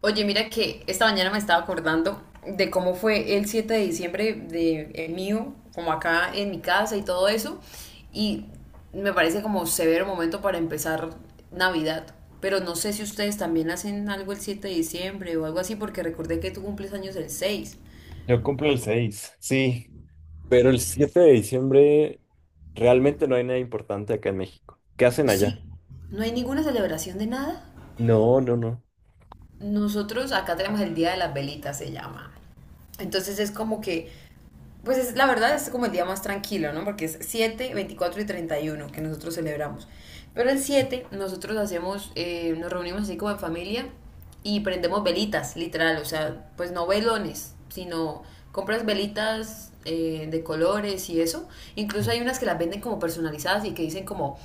Oye, mira que esta mañana me estaba acordando de cómo fue el 7 de diciembre de el mío, como acá en mi casa y todo eso, y me parece como severo momento para empezar Navidad. Pero no sé si ustedes también hacen algo el 7 de diciembre o algo así, porque recordé que tú cumples años el seis. Yo cumplo el 6, sí, pero el 7 de diciembre realmente no hay nada importante acá en México. ¿Qué hacen allá? Sí, no hay ninguna celebración de nada. No, no, no. Nosotros acá tenemos el Día de las Velitas, se llama. Entonces es como que Pues es, la verdad es como el día más tranquilo, ¿no? Porque es 7 24 y 31 que nosotros celebramos. Pero el 7 nosotros hacemos, nos reunimos así como en familia y prendemos velitas, literal. O sea, pues no velones, sino compras velitas de colores y eso. Incluso Sí, hay unas que las venden como personalizadas y que dicen como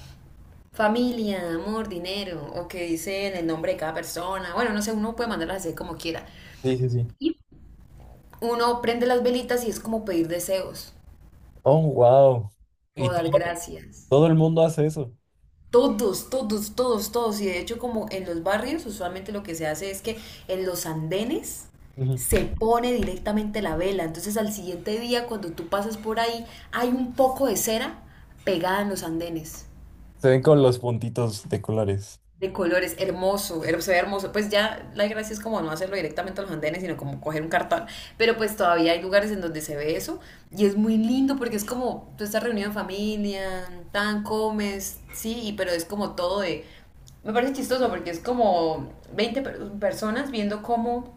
familia, amor, dinero, o que dicen el nombre de cada persona. Bueno, no sé, uno puede mandarlas así como quiera. sí, sí. Sí. Uno prende las velitas y es como pedir deseos Oh, wow. Y o dar todo, gracias. todo el mundo hace eso. Todos, todos, todos, todos. Y de hecho, como en los barrios, usualmente lo que se hace es que en los andenes Ujú. se pone directamente la vela. Entonces al siguiente día, cuando tú pasas por ahí, hay un poco de cera pegada en los andenes Se ven con los puntitos de colores. de colores, hermoso, se ve hermoso. Pues ya la gracia es como no hacerlo directamente a los andenes, sino como coger un cartón. Pero pues todavía hay lugares en donde se ve eso y es muy lindo porque es como tú estás reunido en familia, tan comes, sí, pero es como todo de. Me parece chistoso porque es como 20 personas viendo cómo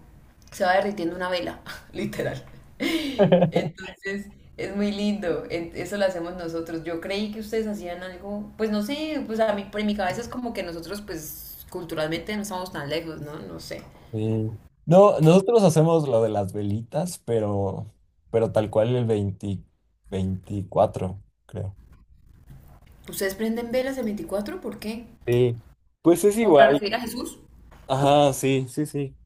se va derritiendo una vela, literal. Entonces, es muy lindo, eso lo hacemos nosotros. Yo creí que ustedes hacían algo, pues no sé, pues a mí, por mi cabeza es como que nosotros, pues culturalmente no estamos tan lejos, ¿no? No sé. Sí. No, nosotros hacemos lo de las velitas, pero tal cual el 20 veinticuatro, creo. ¿Ustedes prenden velas el 24? ¿Por qué? Sí, pues es ¿Como para igual. recibir a Jesús? Ajá, sí, sí, sí.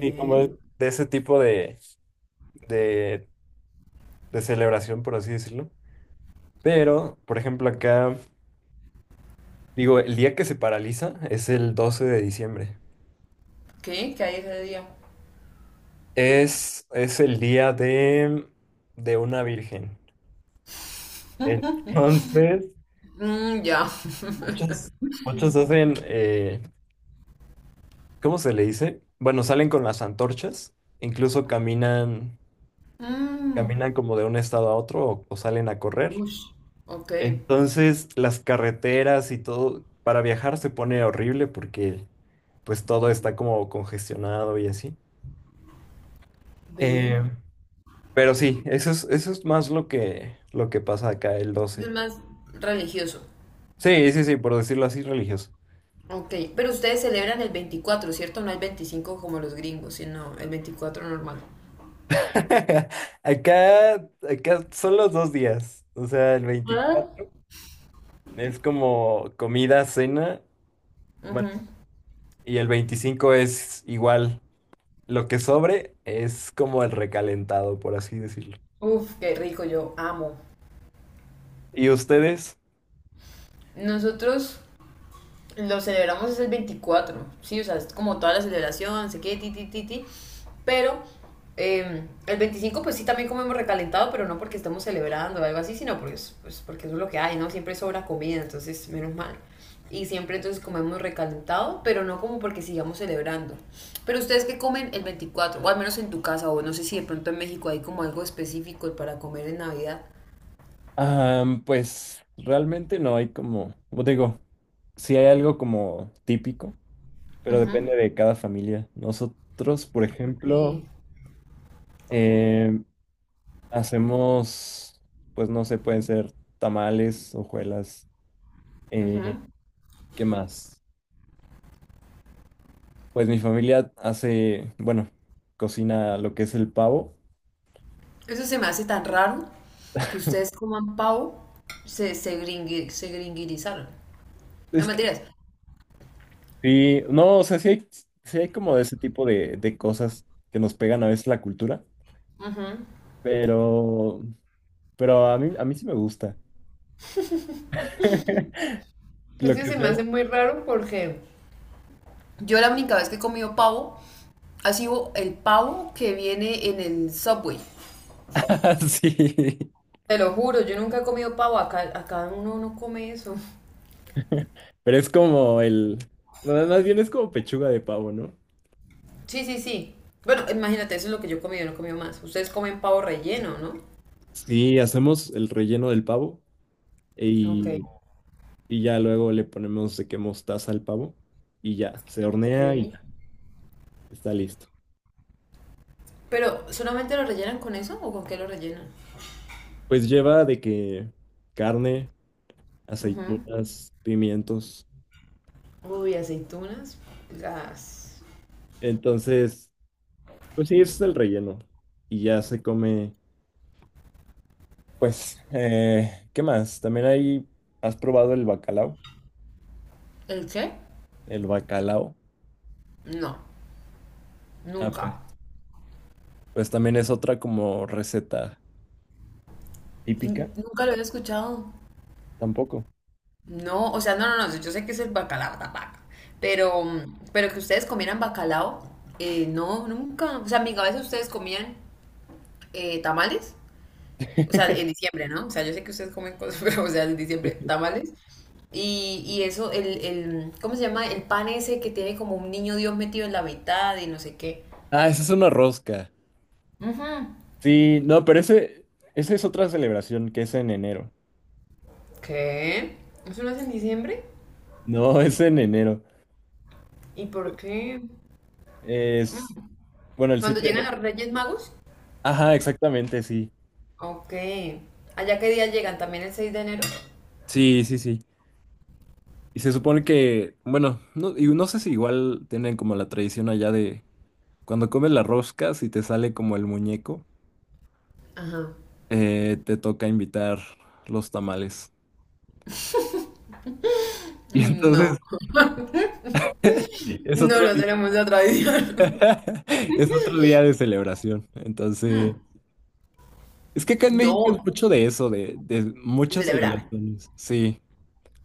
Sí, como de ese tipo de, de celebración, por así decirlo. Pero, por ejemplo, acá, digo, el día que se paraliza es el 12 de diciembre. ¿Qué? ¿Qué hay ese día? Es el día de una virgen. Entonces, Mmm, ya. muchos, muchos hacen, ¿cómo se le dice? Bueno, salen con las antorchas, incluso caminan, Mmm. caminan como de un estado a otro, o salen a correr. Ush. Ok. Entonces, las carreteras y todo, para viajar se pone horrible porque pues todo está como congestionado y así. Ve. Eh, pero sí, eso es más lo que pasa acá el Es 12. más religioso. Sí, sí, sí, por decirlo así, religioso. Ok, pero ustedes celebran el 24, ¿cierto? No el 25 como los gringos, sino el veinticuatro normal. Acá son los dos días, o sea, el ¿Ah? 24 es como comida, cena, Ujú. bueno, y el 25 es igual, lo que sobre es como el recalentado, por así decirlo. Uf, qué rico, yo amo. ¿Y ustedes? Nosotros lo celebramos es el veinticuatro, ¿sí? O sea, es como toda la celebración, sé qué, ti, ti, ti, ti. Pero el 25 pues sí, también comemos recalentado, pero no porque estamos celebrando o algo así, sino porque, pues, porque eso es lo que hay, ¿no? Siempre sobra comida, entonces menos mal. Y siempre entonces comemos recalentado, pero no como porque sigamos celebrando. Pero ustedes que comen el 24 o al menos en tu casa, o no sé si de pronto en México hay como algo específico para comer en Navidad. Ah, pues realmente no hay como, te digo, sí hay algo como típico, pero Ujú. depende de cada familia. Nosotros, por Ok. ejemplo, eh, hacemos, pues no sé, pueden ser tamales, hojuelas, eh, Ujú. ¿qué más? Pues mi familia hace, bueno, cocina lo que es el pavo. Eso se me hace tan raro que ustedes coman pavo, se gringuirizaron. No Es que mentiras. sí, no, o sea, sí hay como de ese tipo de cosas que nos pegan a veces la cultura, Ujú. pero Pero a mí sí me gusta. Es Lo que que se me sea. hace muy raro porque yo la única vez que he comido pavo ha sido el pavo que viene en el Subway. Sí. Te lo juro, yo nunca he comido pavo. Acá uno no come eso. Pero es como el. No, más bien es como pechuga de pavo, ¿no? Sí, sí, sí. Bueno, imagínate, eso es lo que yo he comido, no he comido más. Ustedes comen pavo relleno, ¿no? Sí, hacemos el relleno del pavo Ok. y, y ya luego le ponemos de que mostaza al pavo y ya, se Ok. hornea y ya, está listo. Pero, ¿solamente lo rellenan con eso o con qué lo rellenan? Pues lleva de que carne, Ujú. aceitunas, pimientos. Uy, aceitunas. Las. Entonces, pues sí, ese es el relleno. Y ya se come. Pues, ¿qué más? También ahí has probado el bacalao. ¿El qué? El bacalao. No, Ah, nunca. pues también es otra como receta típica. Nunca lo había escuchado. Tampoco. No, o sea, no, no, no. Yo sé que es el bacalao, la vaca. Pero, pero, que ustedes comieran bacalao, no, nunca. O sea, en mi cabeza ustedes comían tamales. O sea, en diciembre, ¿no? O sea, yo sé que ustedes comen cosas, pero, o sea, en diciembre, tamales. Y eso, el, ¿cómo se llama? El pan ese que tiene como un niño Dios metido en la mitad y no sé qué. Ah, esa es una rosca. Ujú. Sí, no, pero esa es otra celebración, que es en enero. ¿Qué? ¿Eso no es en diciembre? No, es en enero. ¿Y por qué? Es, bueno, el ¿Cuando 7 de llegan enero. los Reyes Magos? Ajá, exactamente, sí. Ok. ¿Allá qué día llegan? ¿También el 6 de enero? Sí, sí, sí. Y se supone que, bueno, no, y no sé si igual tienen como la tradición allá de cuando comes la rosca, si te sale como el muñeco. Ajá. Te toca invitar los tamales. Y No, entonces es no, otro no día, tenemos la tradición. es otro día de celebración. Entonces, Mm, es que acá en México no, es mucho de eso, de de muchas celebrar. celebraciones. Sí,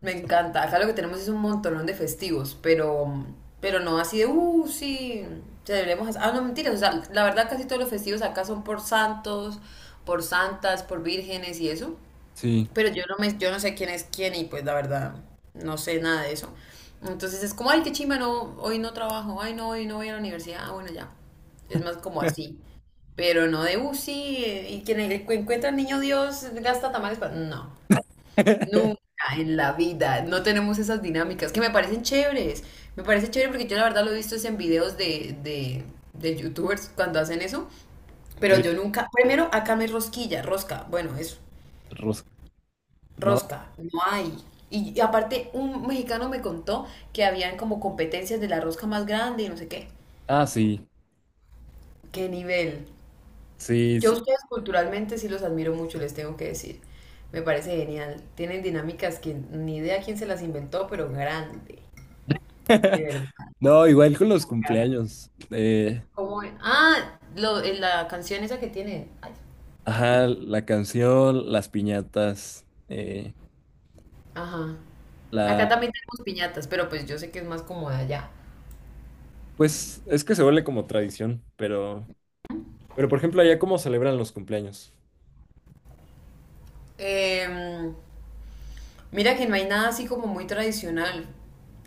Me encanta. Acá lo que tenemos es un montonón de festivos, pero, no así de, sí, celebremos. Ah, no, mentiras. O sea, la verdad casi todos los festivos acá son por santos, por santas, por vírgenes y eso. sí. Pero yo no sé quién es quién y pues la verdad no sé nada de eso. Entonces es como, ay, qué chimba, no, hoy no trabajo, ay, no, hoy no voy a la universidad, ah, bueno, ya. Es más como así. Pero no de, sí, y quien encuentra al niño Dios gasta tamales para. No, nunca en la vida, no tenemos esas dinámicas que me parecen chéveres. Me parece chévere porque yo la verdad lo he visto es en videos de youtubers cuando hacen eso. Pero Sí, yo nunca, primero acá me rosquilla, rosca, bueno, eso. rosca, ¿no? Rosca, no hay. Y aparte, un mexicano me contó que habían como competencias de la rosca más grande y no sé qué. Ah, sí, ¿Qué nivel? sí, Yo a sí. ustedes culturalmente sí los admiro mucho, les tengo que decir. Me parece genial. Tienen dinámicas que ni idea quién se las inventó, pero grande. De verdad. No, igual con los Como. cumpleaños. Ah, en la canción esa que tiene. Ay, Ajá, la canción, las piñatas, eh, ajá. Acá la... también tenemos piñatas, pero pues yo sé que es más como de allá. Pues es que se vuelve como tradición, pero... Pero, por ejemplo, allá cómo celebran los cumpleaños. Em, Mira que no hay nada así como muy tradicional.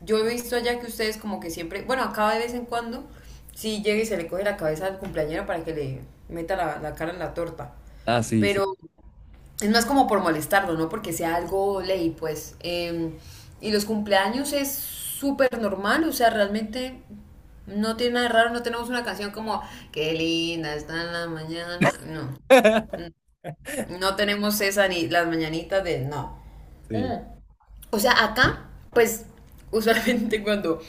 Yo he visto allá que ustedes como que siempre, bueno, acá de vez en cuando, sí llega y se le coge la cabeza al cumpleañero para que le meta la cara en la torta. Ah, sí, sí. Pero es más como por molestarlo, ¿no? Porque sea algo ley, pues. Y los cumpleaños es súper normal, o sea, realmente no tiene nada de raro, no tenemos una canción como, qué linda está la mañana, no. No tenemos esa ni las mañanitas de, no. Sí. O sea, acá, pues, usualmente cuando,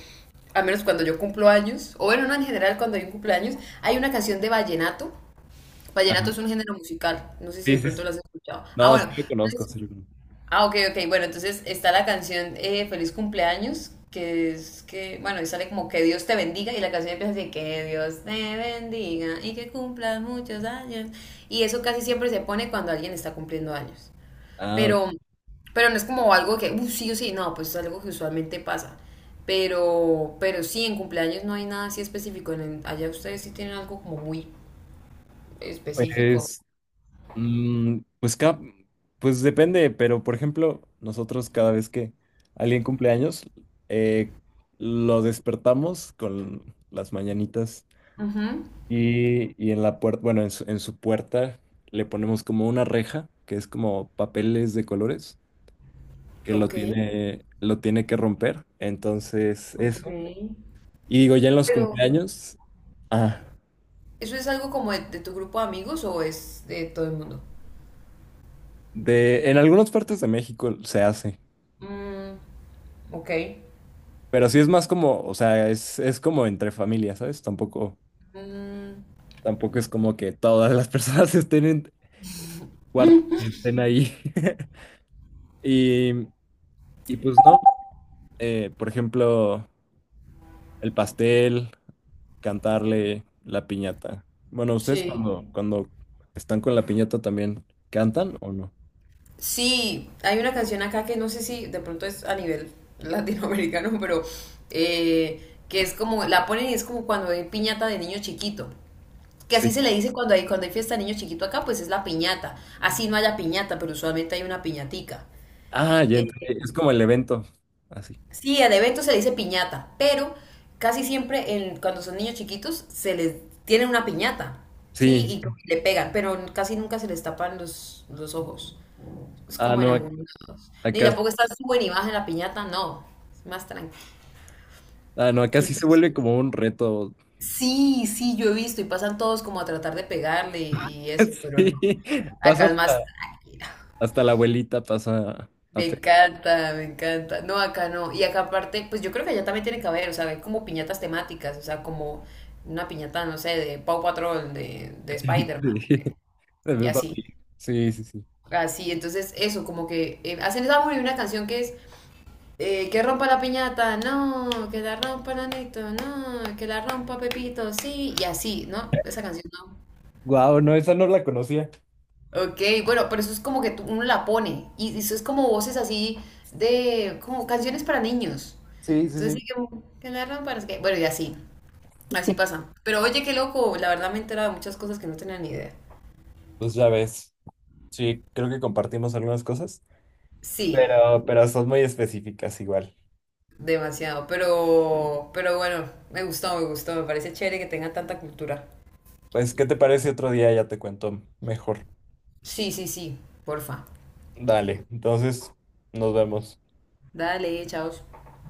a menos cuando yo cumplo años, o bueno, no en general cuando hay un cumpleaños, hay una canción de vallenato. Ajá. Vallenato es un género musical, no sé si Sí, de sí. pronto sí. lo has escuchado. Ah, No, sí bueno, lo conozco, entonces, sí lo conozco. ah, ok, ok, bueno, entonces está la canción Feliz cumpleaños, que es que, bueno, y sale como que Dios te bendiga, y la canción empieza así, que Dios te bendiga y que cumplas muchos años. Y eso casi siempre se pone cuando alguien está cumpliendo años. Ah, ok. Pero, pero, no es como algo que, sí o sí, no, pues es algo que usualmente pasa. Pero, sí, en cumpleaños no hay nada así específico. En allá ustedes sí tienen algo como muy específico. Pues, mm, pues, ca- pues depende, pero por ejemplo, nosotros cada vez que alguien cumpleaños, eh, lo despertamos con las mañanitas Ujú. Y en la puerta, bueno, en su puerta le ponemos como una reja, que es como papeles de colores. Que Ok. Lo tiene que romper. Entonces, Ok. eso. Y digo, ya en los Pero, cumpleaños, ah, ¿eso es algo como de tu grupo de amigos o es de todo el mundo? de, en algunas partes de México se hace, Mm, ok. pero sí es más como, o sea, es como entre familias, ¿sabes? Tampoco, Mm, tampoco es como que todas las personas estén en cuarto y estén ahí. Y, y pues no, por ejemplo, el pastel, cantarle la piñata. Bueno, ¿ustedes sí. cuando, cuando están con la piñata también cantan o no? Sí, hay una canción acá que no sé si de pronto es a nivel latinoamericano, pero que es como, la ponen y es como cuando hay piñata de niño chiquito. Que Sí. así se le dice cuando hay, fiesta de niño chiquito acá, pues es la piñata. Así no haya piñata, pero usualmente hay una piñatica. Ah, ya Eh, entendí. Es como el evento. Así. sí, al evento se le dice piñata, pero casi siempre cuando son niños chiquitos se les tienen una piñata, ¿sí? Sí. Y como que le pegan, pero casi nunca se les tapan los ojos. Es Ah, como en no, ac- algunos lados. Ni acá, tampoco está sube ni baja en la piñata, no. Es más tranquilo. ah, no, acá sí se vuelve Entonces, como un reto. sí, sí, yo he visto y pasan todos como a tratar de pegarle y eso, pero no. Sí. Pasa Acá es más hasta, tranquilo. hasta la abuelita, pasa Me a pegar. encanta, me encanta. No, acá no. Y acá aparte, pues yo creo que allá también tiene que haber, o sea, hay como piñatas temáticas, o sea, como una piñata, no sé, de Paw Patrol, de Spider-Man, Sí. De y Peppa así. Pig. Sí, sí, sí. Así, entonces eso, como que hacen esa muy una canción que es que rompa la piñata, no, que la rompa Nanito, no, que la rompa Pepito, sí, y así, ¿no? Esa canción no. Guau, no, esa no la conocía. Ok, bueno, pero eso es como que uno la pone, y eso es como voces así de, como canciones para niños. Sí, sí, Entonces sí. sí que la rompa, no sé qué. Bueno, y así, así pasa. Pero oye, qué loco, la verdad me he enterado de muchas cosas que no tenía ni idea. Pues ya ves. Sí, creo que compartimos algunas cosas. Sí, Pero son muy específicas igual. demasiado, pero, bueno, me gustó, me gustó, me parece chévere que tengan tanta cultura. Pues, ¿qué te parece otro día? Ya te cuento mejor. Sí, sí, sí, porfa. Dale, entonces nos vemos. Dale, chao.